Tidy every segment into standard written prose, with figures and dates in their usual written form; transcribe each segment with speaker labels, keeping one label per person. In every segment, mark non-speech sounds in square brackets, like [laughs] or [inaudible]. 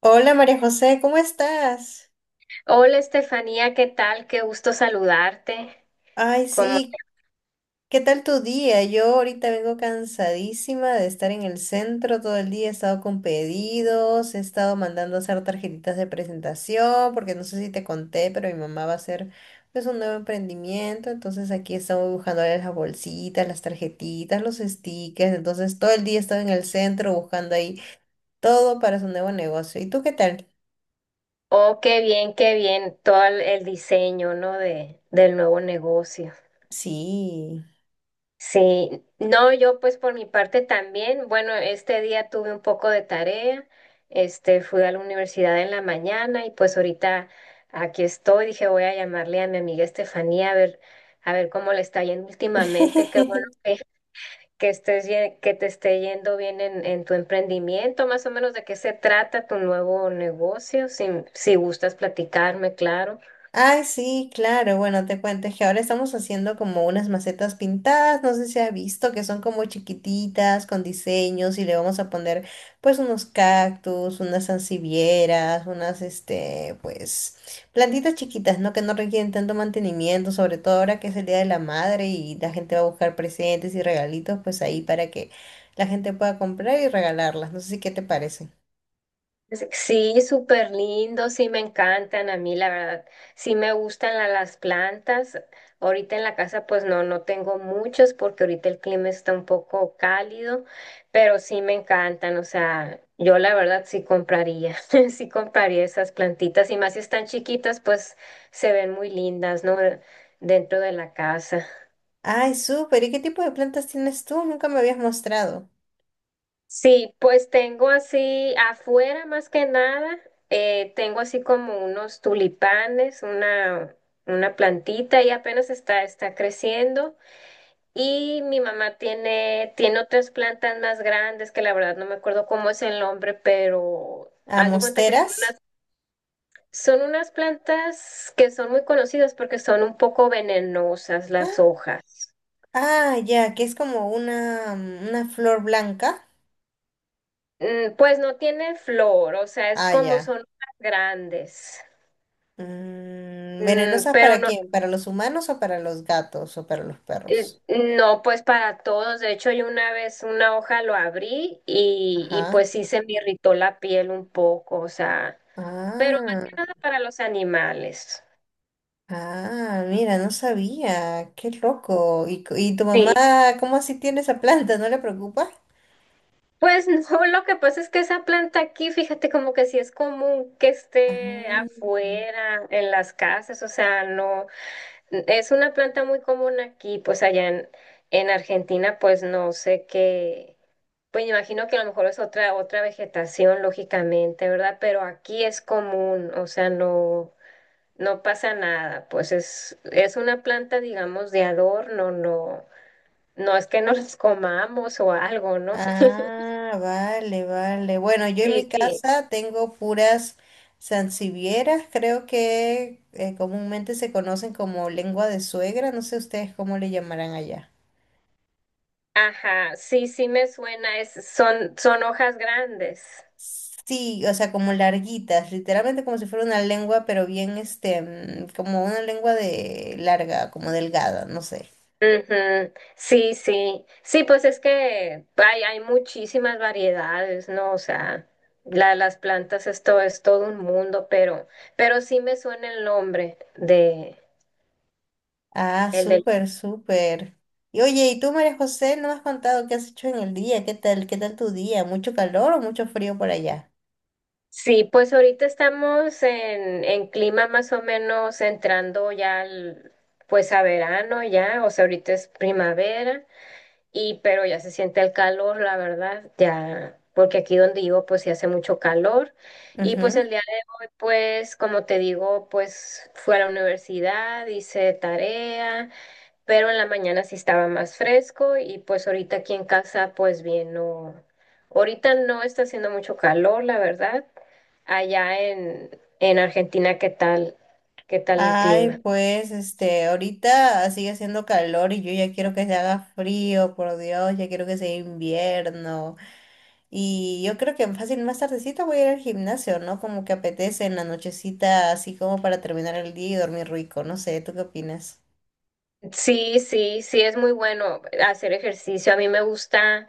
Speaker 1: Hola María José, ¿cómo estás?
Speaker 2: Hola Estefanía, ¿qué tal? Qué gusto saludarte.
Speaker 1: Ay,
Speaker 2: Como,
Speaker 1: sí, ¿qué tal tu día? Yo ahorita vengo cansadísima de estar en el centro todo el día, he estado con pedidos, he estado mandando a hacer tarjetitas de presentación, porque no sé si te conté, pero mi mamá va a hacer pues un nuevo emprendimiento, entonces aquí estamos buscando las bolsitas, las tarjetitas, los stickers, entonces todo el día he estado en el centro buscando ahí todo para su nuevo negocio. ¿Y tú qué tal?
Speaker 2: oh, qué bien todo el diseño, ¿no? Del nuevo negocio.
Speaker 1: Sí.
Speaker 2: Sí, no, yo pues por mi parte también. Bueno, este día tuve un poco de tarea. Fui a la universidad en la mañana y pues ahorita aquí estoy. Dije, voy a llamarle a mi amiga Estefanía a ver cómo le está yendo últimamente. Qué
Speaker 1: [laughs]
Speaker 2: bueno que que te esté yendo bien en tu emprendimiento, más o menos de qué se trata tu nuevo negocio, si gustas platicarme, claro.
Speaker 1: Ay, sí, claro. Bueno, te cuento, es que ahora estamos haciendo como unas macetas pintadas. No sé si has visto que son como chiquititas, con diseños, y le vamos a poner pues unos cactus, unas sansevieras, unas pues, plantitas chiquitas, ¿no? Que no requieren tanto mantenimiento, sobre todo ahora que es el Día de la Madre y la gente va a buscar presentes y regalitos, pues ahí para que la gente pueda comprar y regalarlas. No sé, si qué te parece.
Speaker 2: Sí, súper lindo, sí me encantan a mí, la verdad. Sí me gustan las plantas. Ahorita en la casa pues no tengo muchos porque ahorita el clima está un poco cálido, pero sí me encantan. O sea, yo la verdad sí compraría, [laughs] sí compraría esas plantitas y más si están chiquitas pues se ven muy lindas, ¿no? Dentro de la casa.
Speaker 1: Ay, súper. ¿Y qué tipo de plantas tienes tú? Nunca me habías mostrado.
Speaker 2: Sí, pues tengo así afuera más que nada, tengo así como unos tulipanes, una plantita y apenas está creciendo. Y mi mamá tiene, tiene otras plantas más grandes que la verdad no me acuerdo cómo es el nombre, pero
Speaker 1: ¿A
Speaker 2: haz de cuenta que
Speaker 1: mosteras?
Speaker 2: son unas plantas que son muy conocidas porque son un poco venenosas
Speaker 1: Ah,
Speaker 2: las hojas.
Speaker 1: ah, ya, que es como una, una flor blanca.
Speaker 2: Mm, pues no tiene flor, o sea, es
Speaker 1: Ah,
Speaker 2: como
Speaker 1: ya.
Speaker 2: son hojas grandes.
Speaker 1: Mm,
Speaker 2: Mm,
Speaker 1: ¿venenosas
Speaker 2: pero
Speaker 1: para
Speaker 2: no,
Speaker 1: quién? ¿Para los humanos o para los gatos o para los perros?
Speaker 2: no, pues para todos. De hecho, yo una vez una hoja lo abrí y
Speaker 1: Ajá.
Speaker 2: pues sí se me irritó la piel un poco, o sea, pero más
Speaker 1: Ah,
Speaker 2: que nada para los animales.
Speaker 1: ah, mira, no sabía. Qué loco. ¿Y, y tu mamá,
Speaker 2: Sí.
Speaker 1: cómo así tiene esa planta? ¿No le preocupa?
Speaker 2: Pues [laughs] no, lo que pasa es que esa planta aquí, fíjate, como que sí es común que esté
Speaker 1: Ah.
Speaker 2: afuera, en las casas, o sea, no, es una planta muy común aquí, pues en Argentina, pues no sé qué. Pues me imagino que a lo mejor es otra, otra vegetación, lógicamente, ¿verdad? Pero aquí es común, o sea, no, no pasa nada. Pues es una planta, digamos, de adorno, no, no es que nos [laughs] comamos o algo, ¿no? [laughs]
Speaker 1: Ah, vale, vale. Bueno, yo en
Speaker 2: Sí,
Speaker 1: mi
Speaker 2: sí.
Speaker 1: casa tengo puras sansevieras, creo que comúnmente se conocen como lengua de suegra, no sé ustedes cómo le llamarán allá.
Speaker 2: Ajá, sí, sí me suena, es, son, son hojas grandes.
Speaker 1: Sí, o sea, como larguitas, literalmente como si fuera una lengua, pero bien, como una lengua de larga, como delgada, no sé.
Speaker 2: Ujú, sí, sí, sí, pues es que hay muchísimas variedades, ¿no? O sea, las plantas esto es todo un mundo, pero sí me suena el nombre
Speaker 1: Ah,
Speaker 2: el del...
Speaker 1: súper, súper. Y oye, ¿y tú, María José, no me has contado qué has hecho en el día? Qué tal tu día? ¿Mucho calor o mucho frío por allá?
Speaker 2: Sí, pues ahorita estamos en clima más o menos pues a verano ya, o sea, ahorita es primavera y pero ya se siente el calor, la verdad, ya, porque aquí donde vivo pues sí hace mucho calor. Y pues el día, pues como te digo, pues fui a la universidad, hice tarea, pero en la mañana sí estaba más fresco y pues ahorita aquí en casa pues bien, no, ahorita no está haciendo mucho calor, la verdad. Allá en, en Argentina, ¿qué tal? ¿Qué tal el clima?
Speaker 1: Ay, pues, este, ahorita sigue haciendo calor y yo ya quiero que se haga frío, por Dios, ya quiero que sea invierno. Y yo creo que fácil más tardecita voy a ir al gimnasio, ¿no? Como que apetece en la nochecita, así como para terminar el día y dormir rico. No sé, ¿tú qué opinas?
Speaker 2: Sí, sí, sí, es muy bueno hacer ejercicio. A mí me gusta.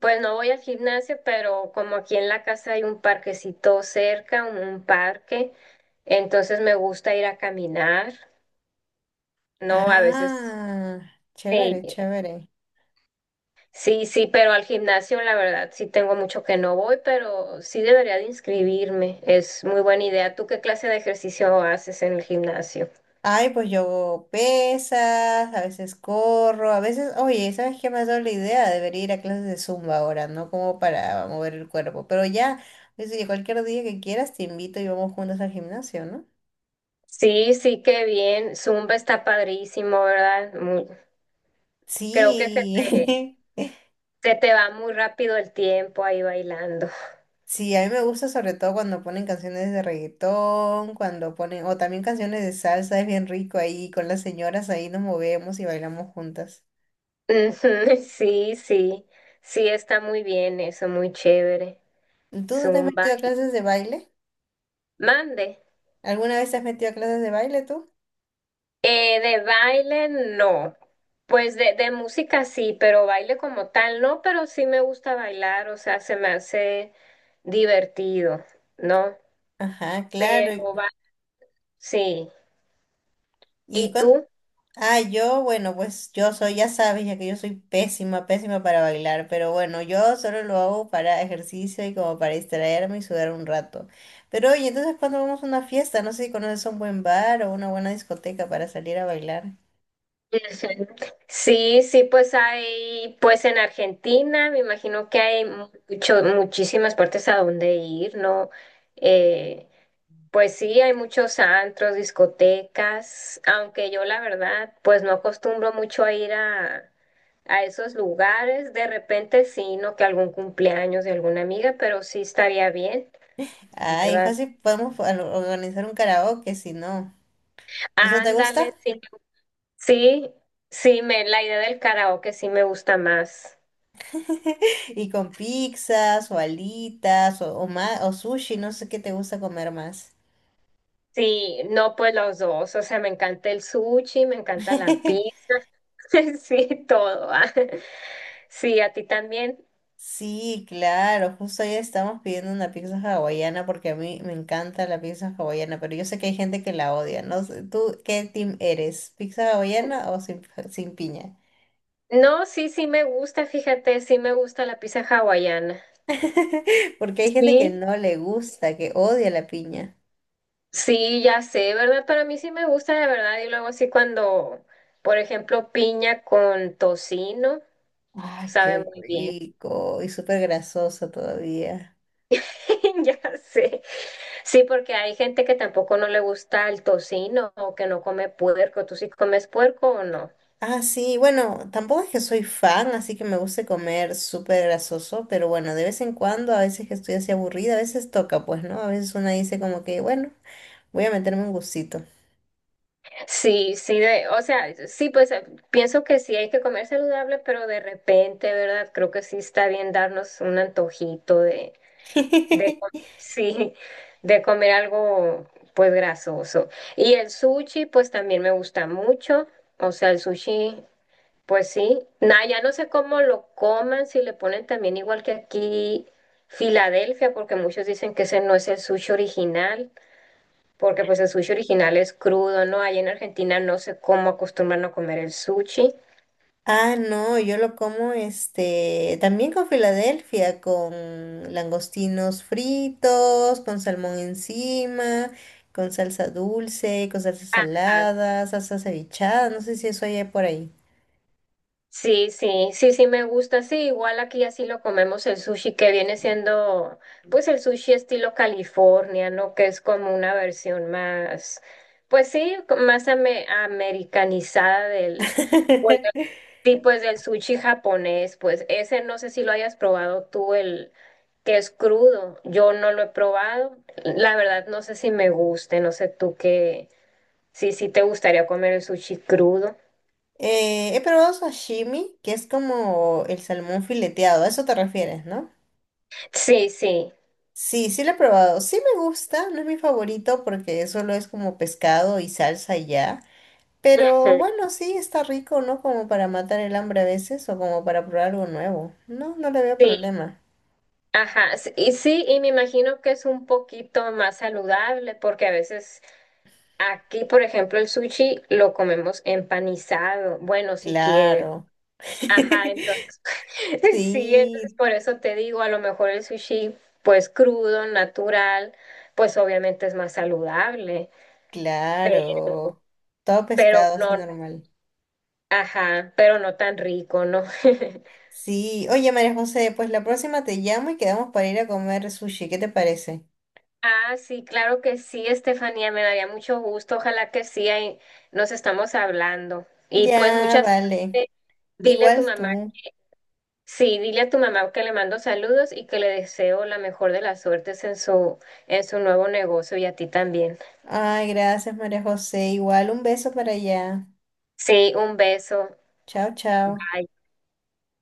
Speaker 2: Pues no voy al gimnasio, pero como aquí en la casa hay un parquecito cerca, un parque, entonces me gusta ir a caminar, ¿no? A veces
Speaker 1: Ah,
Speaker 2: sí,
Speaker 1: chévere, chévere.
Speaker 2: sí, sí, pero al gimnasio la verdad sí tengo mucho que no voy, pero sí debería de inscribirme, es muy buena idea. ¿Tú qué clase de ejercicio haces en el gimnasio?
Speaker 1: Ay, pues yo hago pesas, a veces corro, a veces, oye, ¿sabes qué me ha dado la idea? Debería ir a clases de Zumba ahora, ¿no? Como para mover el cuerpo. Pero ya, es que cualquier día que quieras te invito y vamos juntos al gimnasio, ¿no?
Speaker 2: Sí, sí, qué bien, Zumba está padrísimo, ¿verdad? Creo que te,
Speaker 1: Sí, [laughs]
Speaker 2: se te va muy rápido el tiempo ahí bailando.
Speaker 1: sí, a mí me gusta sobre todo cuando ponen canciones de reggaetón, cuando ponen, o también canciones de salsa, es bien rico ahí, con las señoras ahí nos movemos y bailamos juntas.
Speaker 2: Ujú, [laughs] sí, sí, sí, está muy bien eso, muy chévere.
Speaker 1: ¿Tú no te has
Speaker 2: Zumba.
Speaker 1: metido a clases de baile?
Speaker 2: Mande.
Speaker 1: ¿Alguna vez te has metido a clases de baile tú?
Speaker 2: De baile, no. Pues de música sí, pero baile como tal, no, pero sí me gusta bailar, o sea, se me hace divertido, ¿no?
Speaker 1: Ajá, claro.
Speaker 2: Pero va, sí.
Speaker 1: Y
Speaker 2: ¿Y
Speaker 1: cuando...
Speaker 2: tú?
Speaker 1: Ah, yo, bueno, pues yo soy, ya sabes, ya que yo soy pésima, pésima para bailar, pero bueno, yo solo lo hago para ejercicio y como para distraerme y sudar un rato. Pero oye, entonces cuando vamos a una fiesta, no sé si conoces un buen bar o una buena discoteca para salir a bailar.
Speaker 2: [laughs] Ujú. Sí, sí, pues hay, pues en Argentina, me imagino que hay mucho, muchísimas partes a donde ir, ¿no? Eh, pues sí, hay muchos antros, discotecas, aunque yo la verdad, pues no acostumbro mucho a a esos lugares. De repente sí, no que algún cumpleaños de alguna amiga, pero sí estaría bien,
Speaker 1: Ay,
Speaker 2: ¿verdad?
Speaker 1: fácil, podemos organizar un karaoke si no. ¿Eso te gusta?
Speaker 2: Ándale, sí, sí, sí, me, la idea del karaoke sí me gusta más.
Speaker 1: [laughs] Y con pizzas o alitas o, o sushi, no sé qué te gusta comer más.
Speaker 2: Sí, no, pues los dos, o sea, me encanta el sushi, me encanta la
Speaker 1: [laughs]
Speaker 2: pizza, [laughs] sí, todo. Ah. [laughs] Sí, a ti también.
Speaker 1: Sí, claro, justo ayer estamos pidiendo una pizza hawaiana porque a mí me encanta la pizza hawaiana, pero yo sé que hay gente que la odia, ¿no? Sé, ¿tú qué team eres? ¿Pizza hawaiana o sin, sin piña?
Speaker 2: No, sí, sí me gusta, fíjate, sí me gusta la pizza hawaiana.
Speaker 1: [laughs] Porque hay gente que
Speaker 2: Sí.
Speaker 1: no le gusta, que odia la piña.
Speaker 2: Sí, ya sé, ¿verdad? Pero a mí sí me gusta de verdad. Y luego sí cuando, por ejemplo, piña con tocino,
Speaker 1: Ay,
Speaker 2: sabe
Speaker 1: qué
Speaker 2: muy bien.
Speaker 1: rico y súper grasoso todavía.
Speaker 2: [laughs] Ya sé. Sí, porque hay gente que tampoco no le gusta el tocino o que no come puerco. ¿Tú sí comes puerco o no?
Speaker 1: Ah, sí, bueno, tampoco es que soy fan, así que me gusta comer súper grasoso, pero bueno, de vez en cuando, a veces que estoy así aburrida, a veces toca, pues, ¿no? A veces una dice como que, bueno. Voy a meterme un gustito.
Speaker 2: Sí, sí, de, o sea, sí, pues pienso que sí hay que comer saludable, pero de repente, ¿verdad? Creo que sí está bien darnos un antojito De, co-
Speaker 1: [laughs]
Speaker 2: sí, de comer algo pues grasoso. Y el sushi pues también me gusta mucho. O sea, el sushi pues sí. Nada, ya no sé cómo lo coman, si le ponen también igual que aquí Filadelfia, porque muchos dicen que ese no es el sushi original, porque pues el sushi original es crudo, ¿no? Allá en Argentina no sé cómo acostumbran a comer el sushi.
Speaker 1: Ah, no, yo lo como también con Filadelfia, con langostinos fritos, con salmón encima, con salsa dulce, con salsa salada, salsa cevichada, no sé si eso hay por ahí.
Speaker 2: Sí, sí, sí, sí me gusta. Sí, igual aquí así lo comemos el sushi, que viene siendo pues el sushi estilo California, ¿no? Que es como una versión más, pues sí, americanizada pues,
Speaker 1: [laughs]
Speaker 2: sí, pues del sushi japonés. Pues ese no sé si lo hayas probado tú, el que es crudo. Yo no lo he probado. La verdad no sé si me guste, no sé sí, sí te gustaría comer el sushi crudo.
Speaker 1: He probado sashimi, que es como el salmón fileteado, a eso te refieres, ¿no?
Speaker 2: Sí, sí.
Speaker 1: Sí, sí lo he probado. Sí me gusta, no es mi favorito porque solo es como pescado y salsa y ya. Pero
Speaker 2: Ujú.
Speaker 1: bueno, sí, está rico, ¿no? Como para matar el hambre a veces o como para probar algo nuevo. No, no le veo
Speaker 2: Sí,
Speaker 1: problema.
Speaker 2: ajá, y sí, y me imagino que es un poquito más saludable porque a veces aquí, por ejemplo, el sushi lo comemos empanizado, bueno, si quieres.
Speaker 1: Claro.
Speaker 2: Ajá, entonces,
Speaker 1: [laughs]
Speaker 2: [laughs] sí, entonces
Speaker 1: Sí,
Speaker 2: por eso te digo, a lo mejor el sushi, pues crudo, natural, pues obviamente es más saludable,
Speaker 1: claro. Todo
Speaker 2: pero
Speaker 1: pescado
Speaker 2: no,
Speaker 1: así normal.
Speaker 2: ajá, pero no tan rico, ¿no? [laughs]
Speaker 1: Sí, oye María José, pues la próxima te llamo y quedamos para ir a comer sushi, ¿qué te parece?
Speaker 2: Ah, sí, claro que sí, Estefanía, me daría mucho gusto. Ojalá que sí, ahí nos estamos hablando. Y pues
Speaker 1: Ya,
Speaker 2: muchas
Speaker 1: vale.
Speaker 2: suerte. Dile a tu
Speaker 1: Igual
Speaker 2: mamá,
Speaker 1: tú.
Speaker 2: sí, dile a tu mamá que le mando saludos y que le deseo la mejor de las suertes en en su nuevo negocio y a ti también.
Speaker 1: Ay, gracias María José. Igual un beso para allá.
Speaker 2: Sí, un beso.
Speaker 1: Chao, chao.
Speaker 2: Bye.